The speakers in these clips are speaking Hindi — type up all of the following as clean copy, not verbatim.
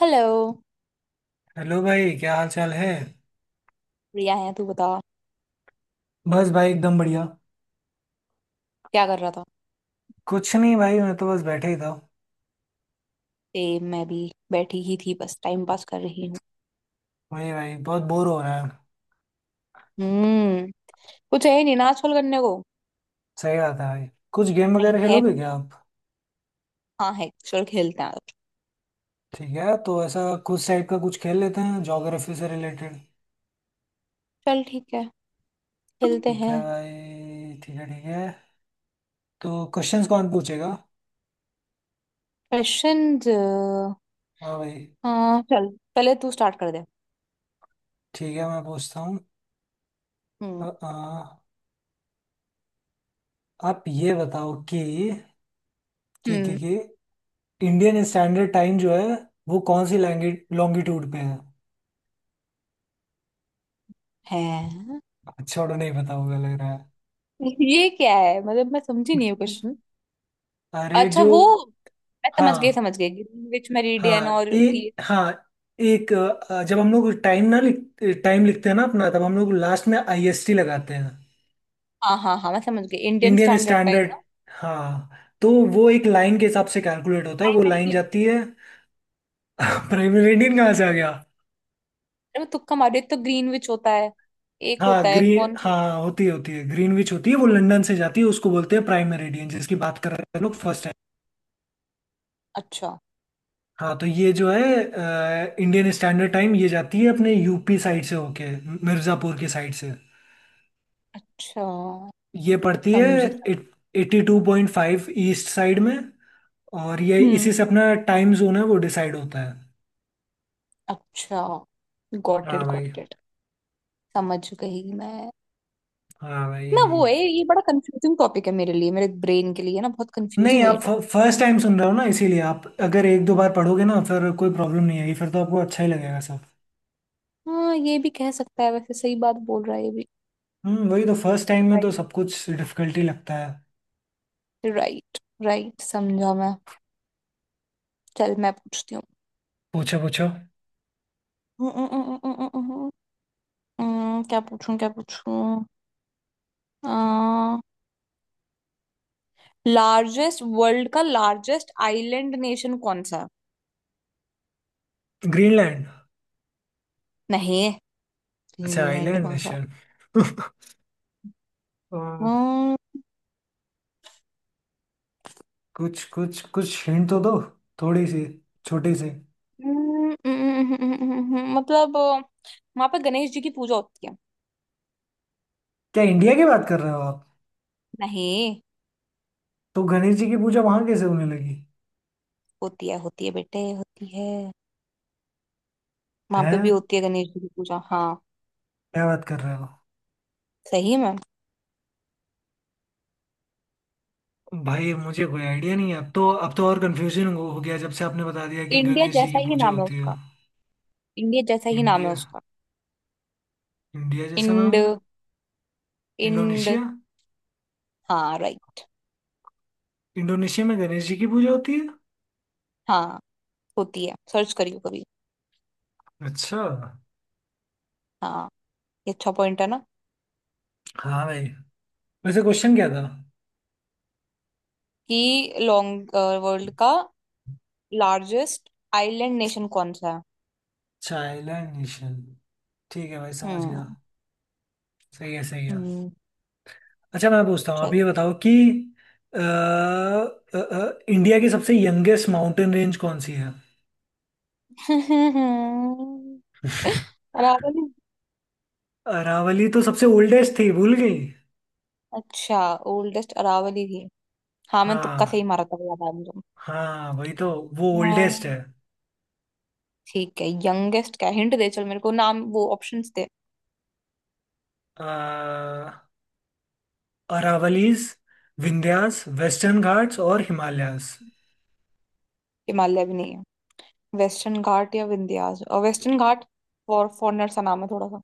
हेलो। हेलो भाई क्या हाल चाल है। प्रिया है तू बता, बस भाई एकदम बढ़िया। क्या कर रहा था। कुछ नहीं भाई मैं तो बस बैठे ही था। सेम मैं भी बैठी ही थी, बस टाइम पास कर रही हूँ। वही भाई बहुत बोर हो रहा है। हम्म। कुछ है ही नहीं ना आजकल करने को। सही बात है भाई। कुछ गेम नहीं वगैरह है खेलोगे मेरे क्या पास। आप? हाँ है, चल खेलते हैं आज। ठीक है तो ऐसा कुछ टाइप का कुछ खेल लेते हैं ज्योग्राफी से रिलेटेड। चल ठीक है, खेलते ठीक हैं। है भाई ठीक है ठीक है। तो क्वेश्चंस कौन पूछेगा? क्वेश्चंस? हाँ भाई। हाँ चल, पहले तू स्टार्ट कर दे। ठीक है मैं पूछता हूँ। अ, हम्म। अ, आप ये बताओ कि कि कि, हम्म कि इंडियन स्टैंडर्ड टाइम जो है वो कौन सी लैंग्वेज लॉन्गिट्यूड पे है? है? छोड़ो नहीं पता होगा लग रहा ये क्या है, मतलब मैं समझी नहीं हूँ है। क्वेश्चन। अरे अच्छा जो। वो, मैं समझ गई हाँ समझ गई, ग्रीनविच मेरिडियन हाँ और ए ये। हाँ। एक जब हम लोग टाइम ना लिख टाइम लिखते हैं ना अपना तब हम लोग लास्ट में आईएसटी लगाते हैं। हाँ हाँ हाँ, मैं समझ गई, Indian Indian standard time standard. ना। हाँ तो वो एक लाइन के हिसाब से कैलकुलेट होता है वो प्राइम। लाइन जाती है। प्राइमरी इंडियन कहाँ से आ गया? अरे मैं तुक्का मारे, एक तो ग्रीनविच होता है, एक हाँ होता है ग्रीन कौन सा। हाँ होती है ग्रीनविच होती है वो लंदन से जाती है उसको बोलते हैं प्राइम मेरिडियन जिसकी बात कर रहे हैं लोग फर्स्ट टाइम। अच्छा। हाँ तो ये जो है इंडियन स्टैंडर्ड टाइम ये जाती है अपने यूपी साइड से होके मिर्जापुर की साइड से। अच्छा, ये पड़ती है समझी। 82.5 ईस्ट साइड में। और ये हम्म। इसी से अपना टाइम जोन है वो डिसाइड होता है। अच्छा। गॉट हाँ इट, भाई गॉट इट। समझ गई मैं। हाँ ना वो है, भाई। ये बड़ा कंफ्यूजिंग टॉपिक है मेरे लिए, मेरे ब्रेन के लिए ना बहुत नहीं कंफ्यूजिंग है ये आप टॉपिक। फर्स्ट टाइम सुन रहे हो ना इसीलिए आप अगर एक दो बार पढ़ोगे ना फिर कोई प्रॉब्लम नहीं आएगी फिर तो आपको अच्छा ही लगेगा सब। हाँ ये भी कह सकता है, वैसे सही बात बोल रहा है ये भी। वही तो फर्स्ट टाइम में तो राइट। सब कुछ डिफिकल्टी लगता है। राइट। राइट, समझा मैं। चल मैं पूछती हूँ। पूछो पूछो। हम्म, हम्म, हम्म, हम्म, हम्म, हम्म, क्या पूछूं, क्या पूछूं। लार्जेस्ट, वर्ल्ड का लार्जेस्ट आइलैंड नेशन कौन सा है? ग्रीनलैंड। नहीं। अच्छा फिनलैंड आइलैंड कौन सा। नेशन। आ, हम्म, कुछ कुछ कुछ हिंट तो दो। थोड़ी सी। छोटी सी। मतलब वहां पे गणेश जी की पूजा होती है। क्या इंडिया की बात कर रहे हो? नहीं, तो गणेश जी की पूजा वहां कैसे होने लगी? होती है होती है बेटे, होती है। वहां है, पे भी होती है गणेश जी की पूजा, हाँ। क्या बात कर रहे हो? सही में। भाई मुझे कोई आइडिया नहीं है, अब तो और कंफ्यूजन हो गया जब से आपने बता दिया कि इंडिया गणेश जी की जैसा ही पूजा नाम है होती है। उसका। इंडिया जैसा ही नाम है इंडिया। उसका। इंडिया जैसा इंड। नाम है। इंड। इंडोनेशिया। हाँ राइट। इंडोनेशिया में गणेश जी की पूजा होती है। हाँ, होती है, सर्च करियो कभी। अच्छा। हाँ, ये अच्छा पॉइंट है ना। हाँ भाई। वैसे क्वेश्चन क्या था? कि लॉन्ग, वर्ल्ड का लार्जेस्ट आइलैंड नेशन कौन सा है। Child nation. ठीक है भाई समझ गया। हम्म। सही है सही है। हम्म। अच्छा मैं पूछता हूँ, आप चल। ये बताओ कि इंडिया की सबसे यंगेस्ट माउंटेन रेंज कौन सी है? अरावली। अरावली तो सबसे ओल्डेस्ट थी भूल गई। अच्छा, ओल्डेस्ट अरावली थी। हाँ मैं तुक्का सही हाँ मारा था, याद आया मुझे। हाँ वही तो। वो ओल्डेस्ट हाँ। है। ठीक है, यंगेस्ट क्या, हिंट दे चल मेरे को, नाम वो ऑप्शंस दे। अ, अरावलीज, विंध्यास, वेस्टर्न घाट्स और हिमालयास। हिमालय भी नहीं है। वेस्टर्न घाट या विंध्याचल और वेस्टर्न घाट। फॉरनर सा नाम है थोड़ा सा।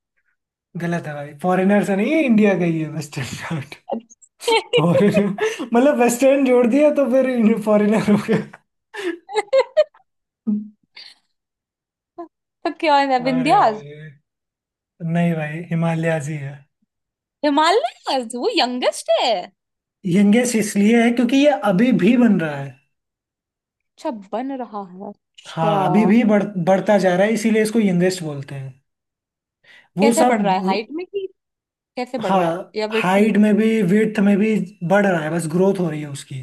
गलत है भाई फॉरेनर से नहीं है, इंडिया का ही है वेस्टर्न घाट। अच्छा। फॉरेनर मतलब वेस्टर्न जोड़ दिया तो फिर फॉरेनर हो गया? तो क्या है अरे विंध्याचल। भाई नहीं भाई हिमालयास ही है। हिमालय वो यंगेस्ट है। यंगेस्ट इसलिए है क्योंकि ये अभी भी बन रहा है। अच्छा, बन रहा है, अच्छा। हाँ अभी भी बढ़ता जा रहा है इसीलिए इसको यंगेस्ट बोलते हैं। वो कैसे बढ़ सब रहा है, हाइट में कि कैसे बढ़ रहा है, हाँ या वेट में। हाइट में भी विड्थ में भी बढ़ रहा है, बस ग्रोथ हो रही है उसकी।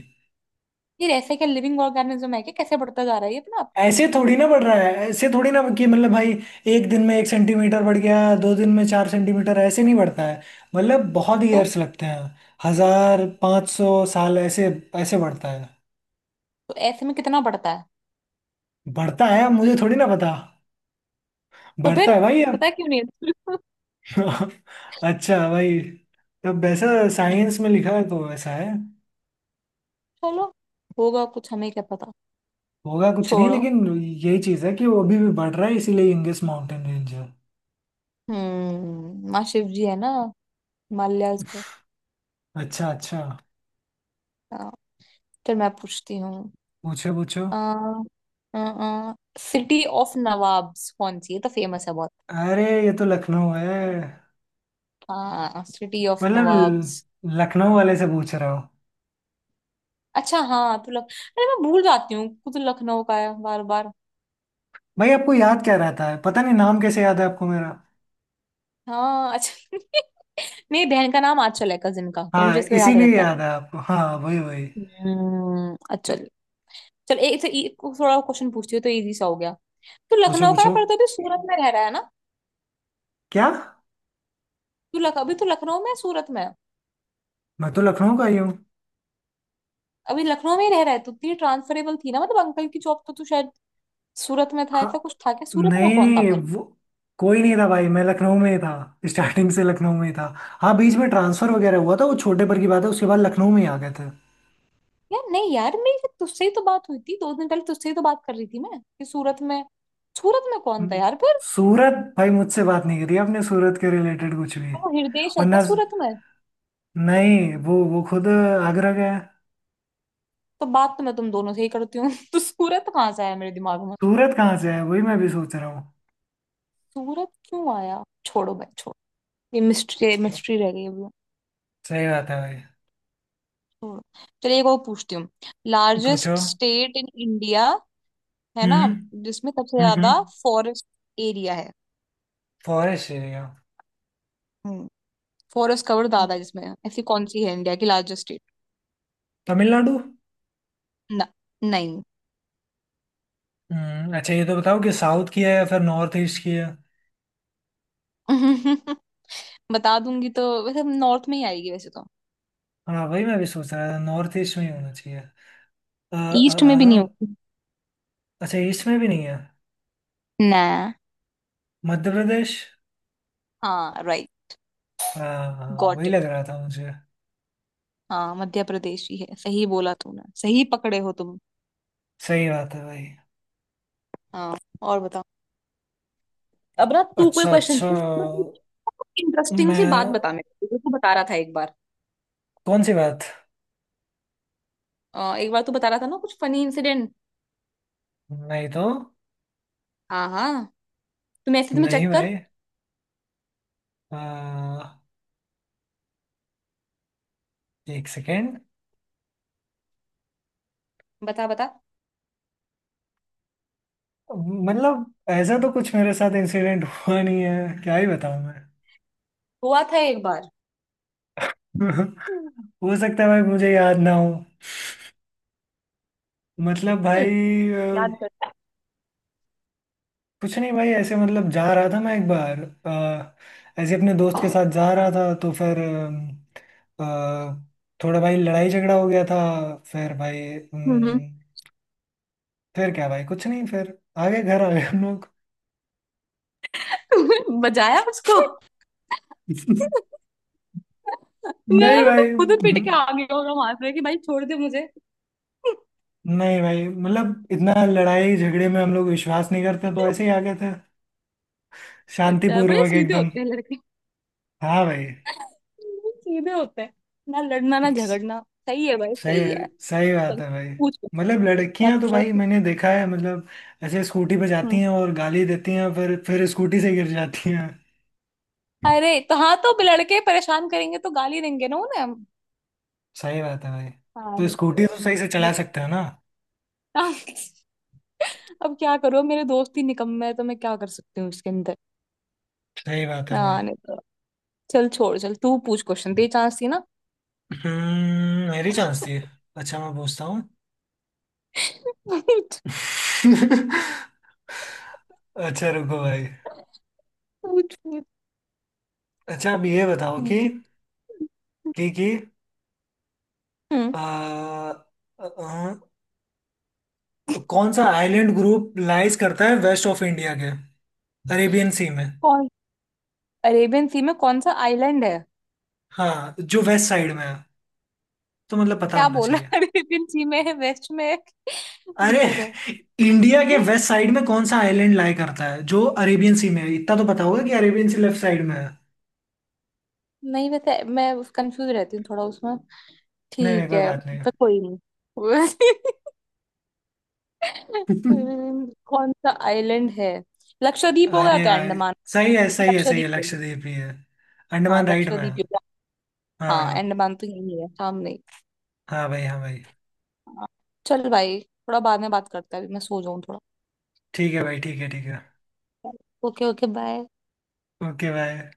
फिर ऐसे क्या लिविंग ऑर्गेनिज्म है कि कैसे बढ़ता जा रहा है ये अपना आप। ऐसे थोड़ी ना बढ़ रहा है, ऐसे थोड़ी ना कि मतलब भाई एक दिन में 1 सेंटीमीटर बढ़ गया, दो दिन में 4 सेंटीमीटर, ऐसे नहीं बढ़ता है। मतलब बहुत को? तो, ईयर्स लगते हैं। 1500 साल ऐसे ऐसे बढ़ता है। तो ऐसे में कितना बढ़ता है। बढ़ता है, मुझे थोड़ी ना पता। तो बढ़ता फिर है भाई अब। पता क्यों नहीं है? अच्छा भाई तब वैसा, साइंस हम्म, में लिखा है तो वैसा है। चलो, होगा कुछ, हमें क्या पता। होगा कुछ, नहीं छोड़ो। लेकिन। यही चीज है कि वो अभी भी बढ़ रहा है इसीलिए यंगेस्ट माउंटेन रेंज है। हम्म, माँ शिव जी है ना हिमालयाज पे। अच्छा अच्छा। हाँ, चल मैं पूछती हूँ। पूछो पूछो। अ सिटी ऑफ नवाब्स कौन सी है तो, फेमस है बहुत। अरे ये तो लखनऊ है। हाँ सिटी ऑफ मतलब नवाब्स। लखनऊ वाले से पूछ रहा हूँ। अच्छा हाँ तो लख, अरे मैं भूल जाती हूँ खुद, लखनऊ का है बार बार। भाई आपको याद क्या रहता है, पता नहीं नाम कैसे याद है आपको मेरा। हाँ अच्छा। मेरी बहन का नाम आंचल है, कजिन का, तो मुझे हाँ इसलिए याद इसीलिए रहता है। याद है आपको, हाँ वही वही। अचल। चल एक थोड़ा क्वेश्चन पूछती हूँ, तो इजी सा हो गया। तू पूछो लखनऊ का है पूछो। पर तो अभी सूरत में रह रहा है ना। क्या? तू लख, अभी तो लखनऊ में है, सूरत में है? मैं तो लखनऊ का ही हूँ। अभी लखनऊ में ही रह रहा है तो तेरी ट्रांसफरेबल थी ना, मतलब अंकल की जॉब, तो तू शायद सूरत में था, ऐसा हाँ कुछ था क्या, सूरत में नहीं कौन था नहीं, फिर। वो कोई नहीं था भाई, मैं लखनऊ में ही था। स्टार्टिंग से लखनऊ में ही था। हाँ बीच में ट्रांसफर वगैरह हुआ था, वो छोटे पर की बात है, उसके बाद लखनऊ में ही आ गए थे। यार नहीं यार, मेरी तो तुझसे ही तो बात हुई थी दो दिन पहले, तुझसे ही तो बात कर रही थी मैं कि सूरत में, सूरत में कौन था हम्म, यार फिर। सूरत भाई मुझसे बात नहीं करी आपने सूरत के रिलेटेड कुछ भी। तो हृदेश और है क्या ना, सूरत में। नहीं वो खुद आगरा का है। तो बात तो मैं तुम दोनों से ही करती हूँ। तो सूरत कहाँ से आया मेरे दिमाग में। सूरत कहाँ से है वही मैं भी सोच रहा हूँ। सूरत क्यों आया, छोड़ो भाई छोड़ो। ये मिस्ट्री, मिस्ट्री रह गई अभी। सही बात है भाई। छोड़ो। चलिए एक और पूछती हूँ। पूछो। लार्जेस्ट स्टेट इन इंडिया, है ना, हम्म जिसमें सबसे हम्म ज्यादा हम्म। फॉरेस्ट एरिया है। Forest area. हम्म, फॉरेस्ट कवर हम्म। ज्यादा है जिसमें, ऐसी कौन सी है इंडिया की लार्जेस्ट स्टेट। तमिलनाडु। ना। नहीं। हम्म, अच्छा ये तो बताओ कि साउथ की है या फिर नॉर्थ ईस्ट की है? बता दूंगी तो वैसे नॉर्थ में ही आएगी वैसे तो। हाँ वही मैं भी सोच रहा था नॉर्थ ईस्ट में ही होना चाहिए। अ, ईस्ट में भी नहीं अ, होगी। अच्छा ईस्ट में भी नहीं है। ना। मध्य प्रदेश। हाँ राइट। हाँ हाँ, गॉट, वही लग रहा था मुझे। हाँ मध्य प्रदेश ही है, सही बोला तूने, सही पकड़े हो तुम। सही बात है भाई। हाँ। और बताओ। अब ना तू कोई अच्छा क्वेश्चन अच्छा, पूछ। इंटरेस्टिंग सी बात मैं? बता मेरे को, तू बता रहा था एक बार। कौन सी बात? एक बार तू बता रहा था ना कुछ फनी इंसिडेंट। नहीं तो। हाँ हाँ, तुम ऐसे तुम्हें नहीं चेक कर। भाई। आ, एक सेकेंड। बता बता। मतलब ऐसा तो कुछ मेरे साथ इंसिडेंट हुआ नहीं है, क्या ही बताऊं मैं। हुआ था एक बार। हो सकता है भाई मुझे याद ना हो। मतलब चल, भाई अ, याद कर। कुछ नहीं भाई, ऐसे मतलब जा रहा था मैं एक बार ऐसे, अपने दोस्त के साथ जा रहा था, तो फिर अ, अ, थोड़ा भाई लड़ाई झगड़ा हो गया था। फिर भाई, हम्म। फिर क्या भाई, कुछ नहीं, फिर आगे घर आ गए हम लोग। तुमने बजाया उसको, मुझे लगा नहीं था भाई तुम खुद पिट के आ गए होगा वहां से कि भाई छोड़ दे मुझे। नहीं भाई मतलब इतना लड़ाई झगड़े में हम लोग विश्वास नहीं करते तो ऐसे ही आ गए थे। अच्छा, बड़े शांतिपूर्वक सीधे एकदम। होते हैं लड़के, हाँ भाई। सीधे होते हैं, ना लड़ना ना झगड़ना, सही है भाई सही सही है। सही बात चल है भाई। पूछ, क्वेश्चन मतलब क्या लड़कियां तो पूछा भाई था? मैंने देखा है, मतलब ऐसे स्कूटी पे जाती हम्म। हैं और गाली देती हैं, फिर स्कूटी से गिर जाती हैं। अरे तो हाँ, तो लड़के परेशान करेंगे तो गाली देंगे ना उन्हें हम। सही बात है भाई। हाँ तो नहीं स्कूटी तो सही से चला तो- सकते हो ना। अब क्या करूँ, मेरे दोस्त ही निकम्मे है तो मैं क्या कर सकती हूँ इसके अंदर। सही बात है भाई। हाँ नहीं तो। चल छोड़, चल तू पूछ क्वेश्चन, तेरी चांस थी ना। मेरी चांस थी। अच्छा मैं पूछता हूँ। पूछ अच्छा रुको भाई। पूछ पूछ अच्छा अब ये बताओ कि हम्म। कि हम्म, आ, आ, कौन सा आइलैंड ग्रुप लाइज करता है वेस्ट ऑफ इंडिया के, अरेबियन सी में? कौन, अरेबियन सी में कौन सा आइलैंड है। हाँ जो वेस्ट साइड में है, तो मतलब पता क्या होना बोला। चाहिए। अरेबियन सी में है, वेस्ट में है, अरे किधर है। इंडिया के हम्म, वेस्ट साइड में कौन सा आइलैंड लाई करता है जो अरेबियन सी में है, इतना तो पता होगा कि अरेबियन सी लेफ्ट साइड में है। नहीं पता है, मैं कंफ्यूज रहती हूँ थोड़ा उसमें। नहीं नहीं ठीक कोई है, बात नहीं। पर कोई नहीं। कौन सा आइलैंड है। लक्षद्वीप होगा अरे तो, भाई अंडमान। सही है सही है सही है लक्षद्वीप होगा। लक्षद्वीप ही है। हाँ अंडमान राइट में है। लक्षद्वीप होगा। हाँ हाँ अंडमान तो यही है सामने ही। हाँ भाई हाँ भाई। हाँ, चल भाई थोड़ा बाद में बात करते हैं, अभी मैं सो जाऊँ थोड़ा। ठीक है भाई ठीक है ठीक है। Okay okay bye. Okay bye.